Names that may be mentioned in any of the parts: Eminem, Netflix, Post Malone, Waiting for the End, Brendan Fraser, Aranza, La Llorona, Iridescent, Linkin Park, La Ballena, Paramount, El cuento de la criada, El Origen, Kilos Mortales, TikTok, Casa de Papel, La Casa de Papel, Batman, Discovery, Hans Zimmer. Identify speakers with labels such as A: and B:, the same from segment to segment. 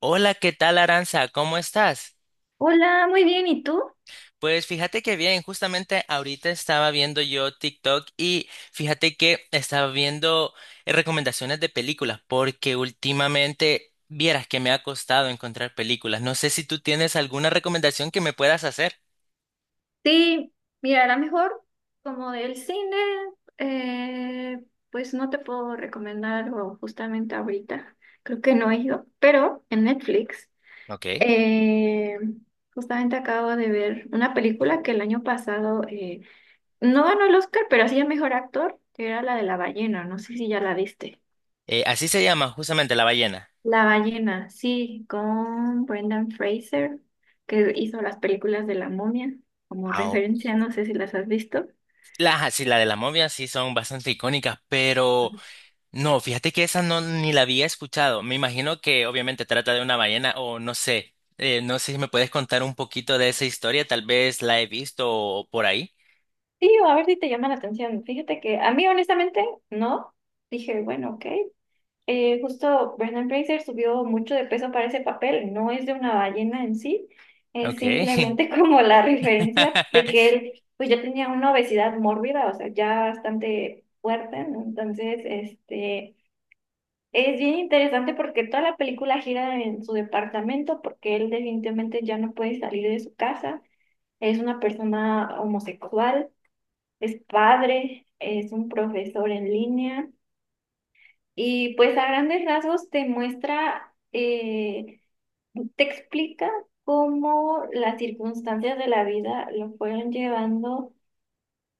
A: Hola, ¿qué tal, Aranza? ¿Cómo estás?
B: Hola, muy bien, ¿y tú?
A: Pues fíjate que bien, justamente ahorita estaba viendo yo TikTok y fíjate que estaba viendo recomendaciones de películas porque últimamente vieras que me ha costado encontrar películas. No sé si tú tienes alguna recomendación que me puedas hacer.
B: Sí, mira, a lo mejor como del cine, eh, pues no te puedo recomendar algo justamente ahorita, creo que no he ido, pero en Netflix,
A: Ok.
B: eh, justamente acabo de ver una película que el año pasado no ganó el Oscar, pero sí el mejor actor, que era la de la ballena, no sé si ya la viste.
A: Así se llama justamente La Ballena.
B: La ballena, sí, con Brendan Fraser, que hizo las películas de la momia como
A: Ah, o-
B: referencia, no sé si las has visto.
A: las, así, la de la momia sí son bastante icónicas, pero
B: Ujú.
A: no, fíjate que esa no ni la había escuchado. Me imagino que obviamente trata de una ballena o no sé. No sé si me puedes contar un poquito de esa historia. Tal vez la he visto o por ahí.
B: Sí, o a ver si te llama la atención. Fíjate que a mí honestamente no. Dije, bueno, ok. Justo Brendan Fraser subió mucho de peso para ese papel. No es de una ballena en sí, es
A: Ok.
B: simplemente como la referencia de que él pues ya tenía una obesidad mórbida, o sea, ya bastante fuerte, ¿no? Entonces, este... Es bien interesante porque toda la película gira en su departamento porque él definitivamente ya no puede salir de su casa. Es una persona homosexual, es padre, es un profesor en línea y pues a grandes rasgos te muestra, te explica cómo las circunstancias de la vida lo fueron llevando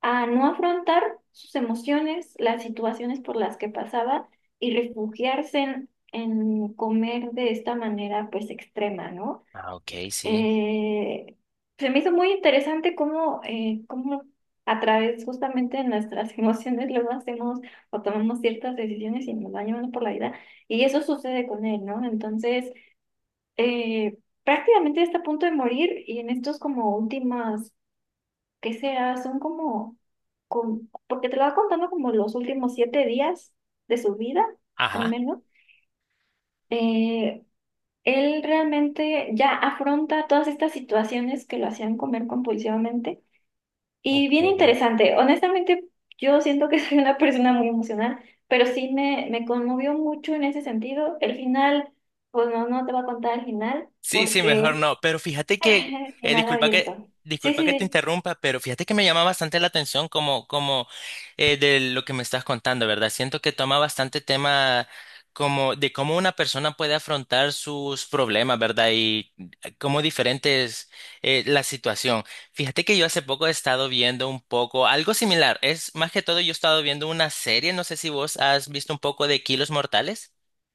B: a no afrontar sus emociones, las situaciones por las que pasaba y refugiarse en comer de esta manera pues extrema, ¿no?
A: Ah, ok, sí.
B: Eh, se me hizo muy interesante cómo, cómo a través justamente de nuestras emociones luego hacemos o tomamos ciertas decisiones y nos va llevando por la vida y eso sucede con él, ¿no? Entonces, eh, prácticamente está a punto de morir y en estos como últimas ¿Qué será? Son como, con, porque te lo va contando como los últimos 7 días de su vida, al
A: Ajá.
B: menos. Eh, él realmente ya afronta todas estas situaciones que lo hacían comer compulsivamente. Y
A: Ok.
B: bien interesante. Honestamente, yo siento que soy una persona muy emocional, pero sí me conmovió mucho en ese sentido. El final, pues no, no te voy a contar el final,
A: Sí, sí,
B: porque
A: mejor
B: es
A: no. Pero fíjate que,
B: final
A: disculpa que,
B: abierto. Sí,
A: disculpa
B: sí,
A: que te
B: sí.
A: interrumpa, pero fíjate que me llama bastante la atención como de lo que me estás contando, ¿verdad? Siento que toma bastante tema como de cómo una persona puede afrontar sus problemas, ¿verdad? Y cómo diferente es la situación. Fíjate que yo hace poco he estado viendo un poco algo similar. Es más que todo yo he estado viendo una serie. No sé si vos has visto un poco de Kilos Mortales.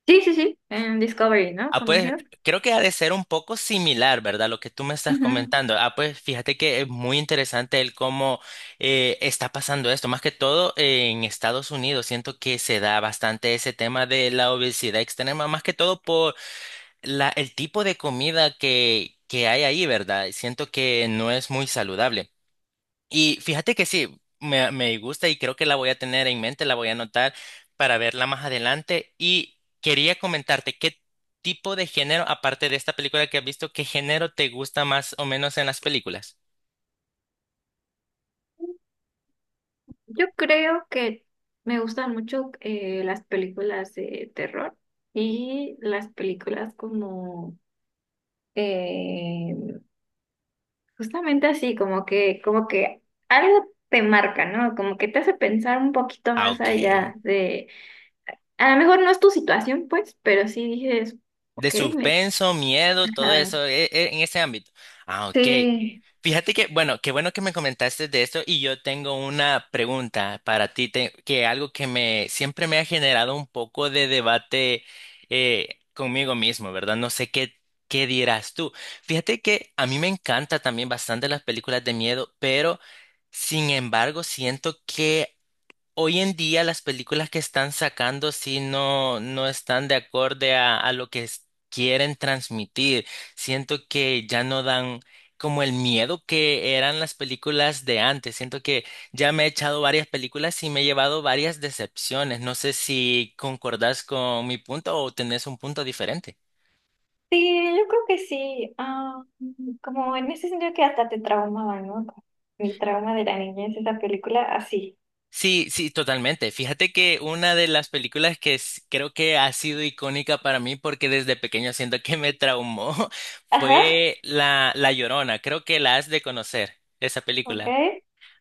B: Sí, sí, sí, en Discovery, ¿no?
A: Ah,
B: Con
A: pues creo que ha de ser un poco similar, ¿verdad? Lo que tú me estás
B: Ujú.
A: comentando. Ah, pues fíjate que es muy interesante el cómo está pasando esto. Más que todo en Estados Unidos, siento que se da bastante ese tema de la obesidad extrema, más que todo por el tipo de comida que hay ahí, ¿verdad? Siento que no es muy saludable. Y fíjate que sí, me gusta y creo que la voy a tener en mente, la voy a anotar para verla más adelante. Y quería comentarte, ¿qué tipo de género, aparte de esta película que has visto, qué género te gusta más o menos en las películas?
B: Yo creo que me gustan mucho las películas de terror y las películas como eh, justamente así, como que algo te marca, ¿no? Como que te hace pensar un poquito
A: Ah,
B: más
A: ok.
B: allá de, a lo mejor no es tu situación, pues, pero sí dices,
A: De
B: ok, me,
A: suspenso, miedo, todo
B: ajá,
A: eso en ese ámbito. Ah, ok.
B: sí.
A: Fíjate que, bueno, qué bueno que me comentaste de esto y yo tengo una pregunta para ti, que algo que me siempre me ha generado un poco de debate conmigo mismo, ¿verdad? No sé qué, qué dirás tú. Fíjate que a mí me encanta también bastante las películas de miedo, pero sin embargo siento que hoy en día las películas que están sacando sí no, no están de acorde a lo que quieren transmitir. Siento que ya no dan como el miedo que eran las películas de antes. Siento que ya me he echado varias películas y me he llevado varias decepciones. No sé si concordás con mi punto o tenés un punto diferente.
B: Sí, yo creo que sí. Ah, mm, como en ese sentido que hasta te traumaba, ¿no? Como mi trauma de la niñez, esa película, así.
A: Sí, sí, totalmente. Fíjate que una de las películas que creo que ha sido icónica para mí porque desde pequeño siento que me traumó
B: Ajá,
A: fue La Llorona. Creo que la has de conocer, esa
B: ok.
A: película.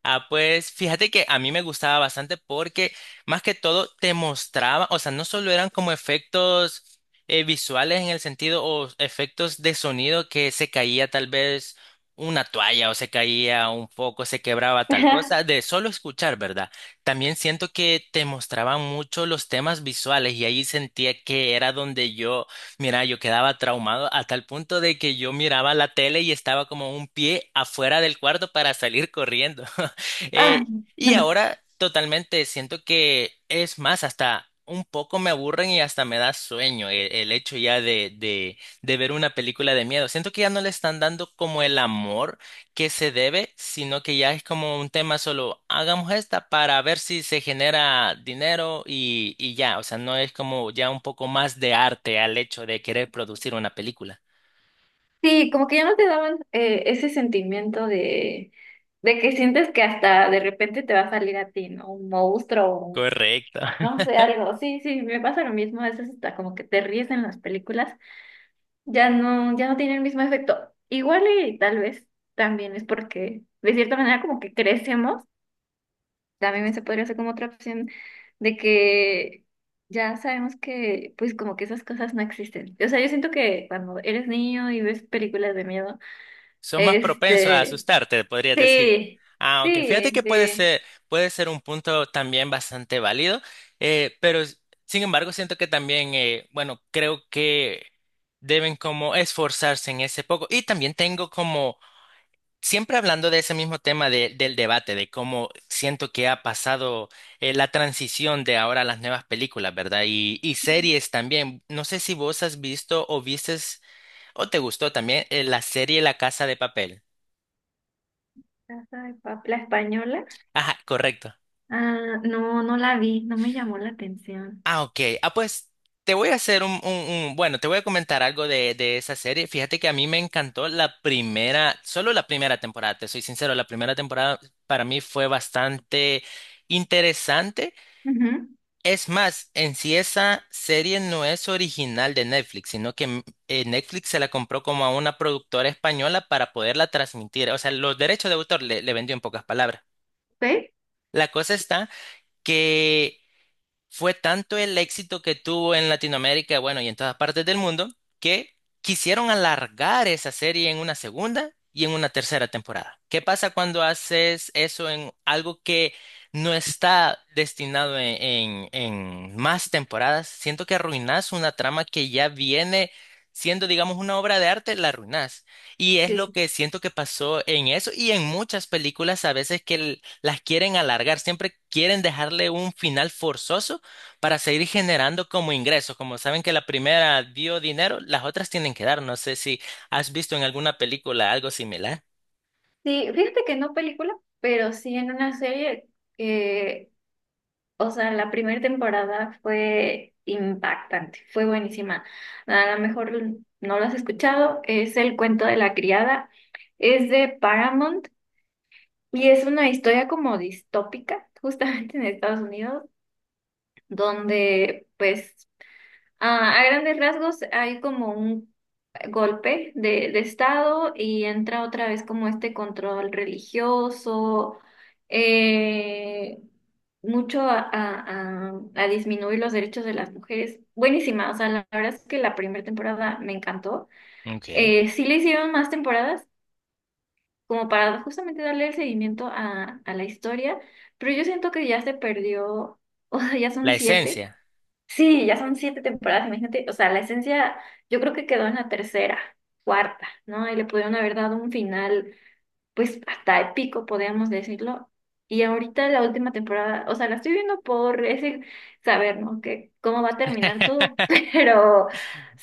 A: Ah, pues fíjate que a mí me gustaba bastante porque más que todo te mostraba, o sea, no solo eran como efectos visuales en el sentido o efectos de sonido que se caía tal vez una toalla o se caía un foco, se quebraba tal cosa, de solo escuchar, ¿verdad? También siento que te mostraban mucho los temas visuales y ahí sentía que era donde yo, mira, yo quedaba traumado a tal punto de que yo miraba la tele y estaba como un pie afuera del cuarto para salir corriendo.
B: Ah,
A: Eh, y ahora totalmente siento que es más, hasta un poco me aburren y hasta me da sueño el hecho ya de ver una película de miedo. Siento que ya no le están dando como el amor que se debe, sino que ya es como un tema solo, hagamos esta para ver si se genera dinero y ya, o sea, no es como ya un poco más de arte al hecho de querer producir una película.
B: sí, como que ya no te daban ese sentimiento de que sientes que hasta de repente te va a salir a ti, ¿no? Un monstruo, o
A: Correcto.
B: no sé, algo. Sí, sí, me pasa lo mismo. A veces hasta como que te ríes en las películas ya no, ya no tiene el mismo efecto. Igual y tal vez también es porque de cierta manera como que crecemos, también se podría hacer como otra opción de que ya sabemos que pues como que esas cosas no existen. O sea, yo siento que cuando eres niño y ves películas de miedo,
A: Son más propensos a
B: este,
A: asustarte, podrías decir.
B: sí,
A: Ah, aunque fíjate
B: sí,
A: que
B: sí.
A: puede ser un punto también bastante válido, pero sin embargo siento que también, bueno, creo que deben como esforzarse en ese poco. Y también tengo como, siempre hablando de ese mismo tema del debate, de cómo siento que ha pasado la transición de ahora a las nuevas películas, ¿verdad? Y series también. No sé si vos has visto o vistes o te gustó también la serie La Casa de Papel.
B: Casa de Papel, la española.
A: Ajá, correcto.
B: Ah, no, no la vi, no me llamó la atención.
A: Ah, ok. Ah, pues te voy a hacer bueno, te voy a comentar algo de esa serie. Fíjate que a mí me encantó la primera, solo la primera temporada, te soy sincero, la primera temporada para mí fue bastante interesante.
B: Ujú.
A: Es más, en sí esa serie no es original de Netflix, sino que Netflix se la compró como a una productora española para poderla transmitir. O sea, los derechos de autor le vendió en pocas palabras. La cosa está que fue tanto el éxito que tuvo en Latinoamérica, bueno, y en todas partes del mundo, que quisieron alargar esa serie en una segunda y en una tercera temporada. ¿Qué pasa cuando haces eso en algo que no está destinado en más temporadas? Siento que arruinas una trama que ya viene siendo, digamos, una obra de arte, la arruinas. Y es lo
B: ¿Sí?
A: que siento que pasó en eso y en muchas películas a veces que las quieren alargar, siempre quieren dejarle un final forzoso para seguir generando como ingresos. Como saben que la primera dio dinero, las otras tienen que dar. No sé si has visto en alguna película algo similar.
B: Sí, fíjate que no película, pero sí en una serie que, o sea, la primera temporada fue impactante, fue buenísima. A lo mejor no lo has escuchado, es El cuento de la criada, es de Paramount y es una historia como distópica, justamente en Estados Unidos, donde pues a grandes rasgos hay como un golpe de Estado y entra otra vez como este control religioso, eh, mucho a disminuir los derechos de las mujeres. Buenísima, o sea, la verdad es que la primera temporada me encantó.
A: Ok.
B: Sí le hicieron más temporadas como para justamente darle el seguimiento a la historia, pero yo siento que ya se perdió, o sea, ya
A: La
B: son siete.
A: esencia.
B: Sí, ya son siete temporadas, imagínate, o sea, la esencia yo creo que quedó en la tercera, cuarta, ¿no? Y le pudieron haber dado un final, pues hasta épico, podríamos decirlo. Y ahorita la última temporada, o sea, la estoy viendo por ese saber, ¿no? Que cómo va a terminar todo, pero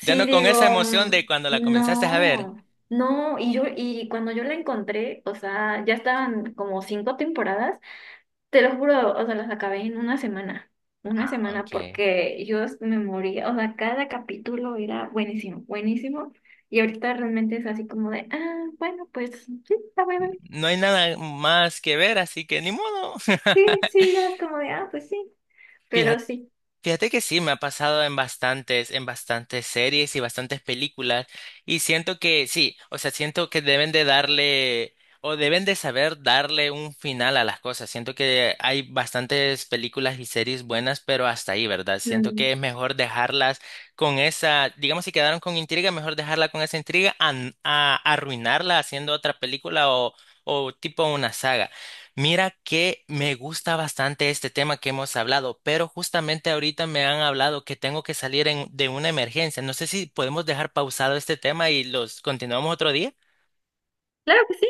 A: Ya no con esa
B: digo,
A: emoción de
B: mm,
A: cuando la comenzaste a ver.
B: no, no, y yo, y cuando yo la encontré, o sea, ya estaban como cinco temporadas. Te lo juro, o sea, las acabé en una
A: Ah,
B: semana
A: ok.
B: porque yo me moría, o sea, cada capítulo era buenísimo, buenísimo, y ahorita realmente es así como de, ah, bueno, pues sí, está bueno,
A: No hay nada más que ver, así que ni modo.
B: sí, sí, ya es como de, ah, pues sí, pero
A: Fíjate.
B: sí,
A: Fíjate que sí, me ha pasado en bastantes series y bastantes películas y siento que sí, o sea, siento que deben de darle o deben de saber darle un final a las cosas. Siento que hay bastantes películas y series buenas, pero hasta ahí, ¿verdad? Siento
B: mm,
A: que es mejor dejarlas con esa, digamos, si quedaron con intriga, mejor dejarla con esa intriga a arruinarla haciendo otra película o tipo una saga. Mira que me gusta bastante este tema que hemos hablado, pero justamente ahorita me han hablado que tengo que salir de una emergencia. No sé si podemos dejar pausado este tema y los continuamos otro día.
B: claro que sí,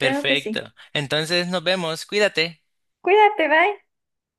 B: claro que sí,
A: Entonces nos vemos. Cuídate.
B: cuídate, bye.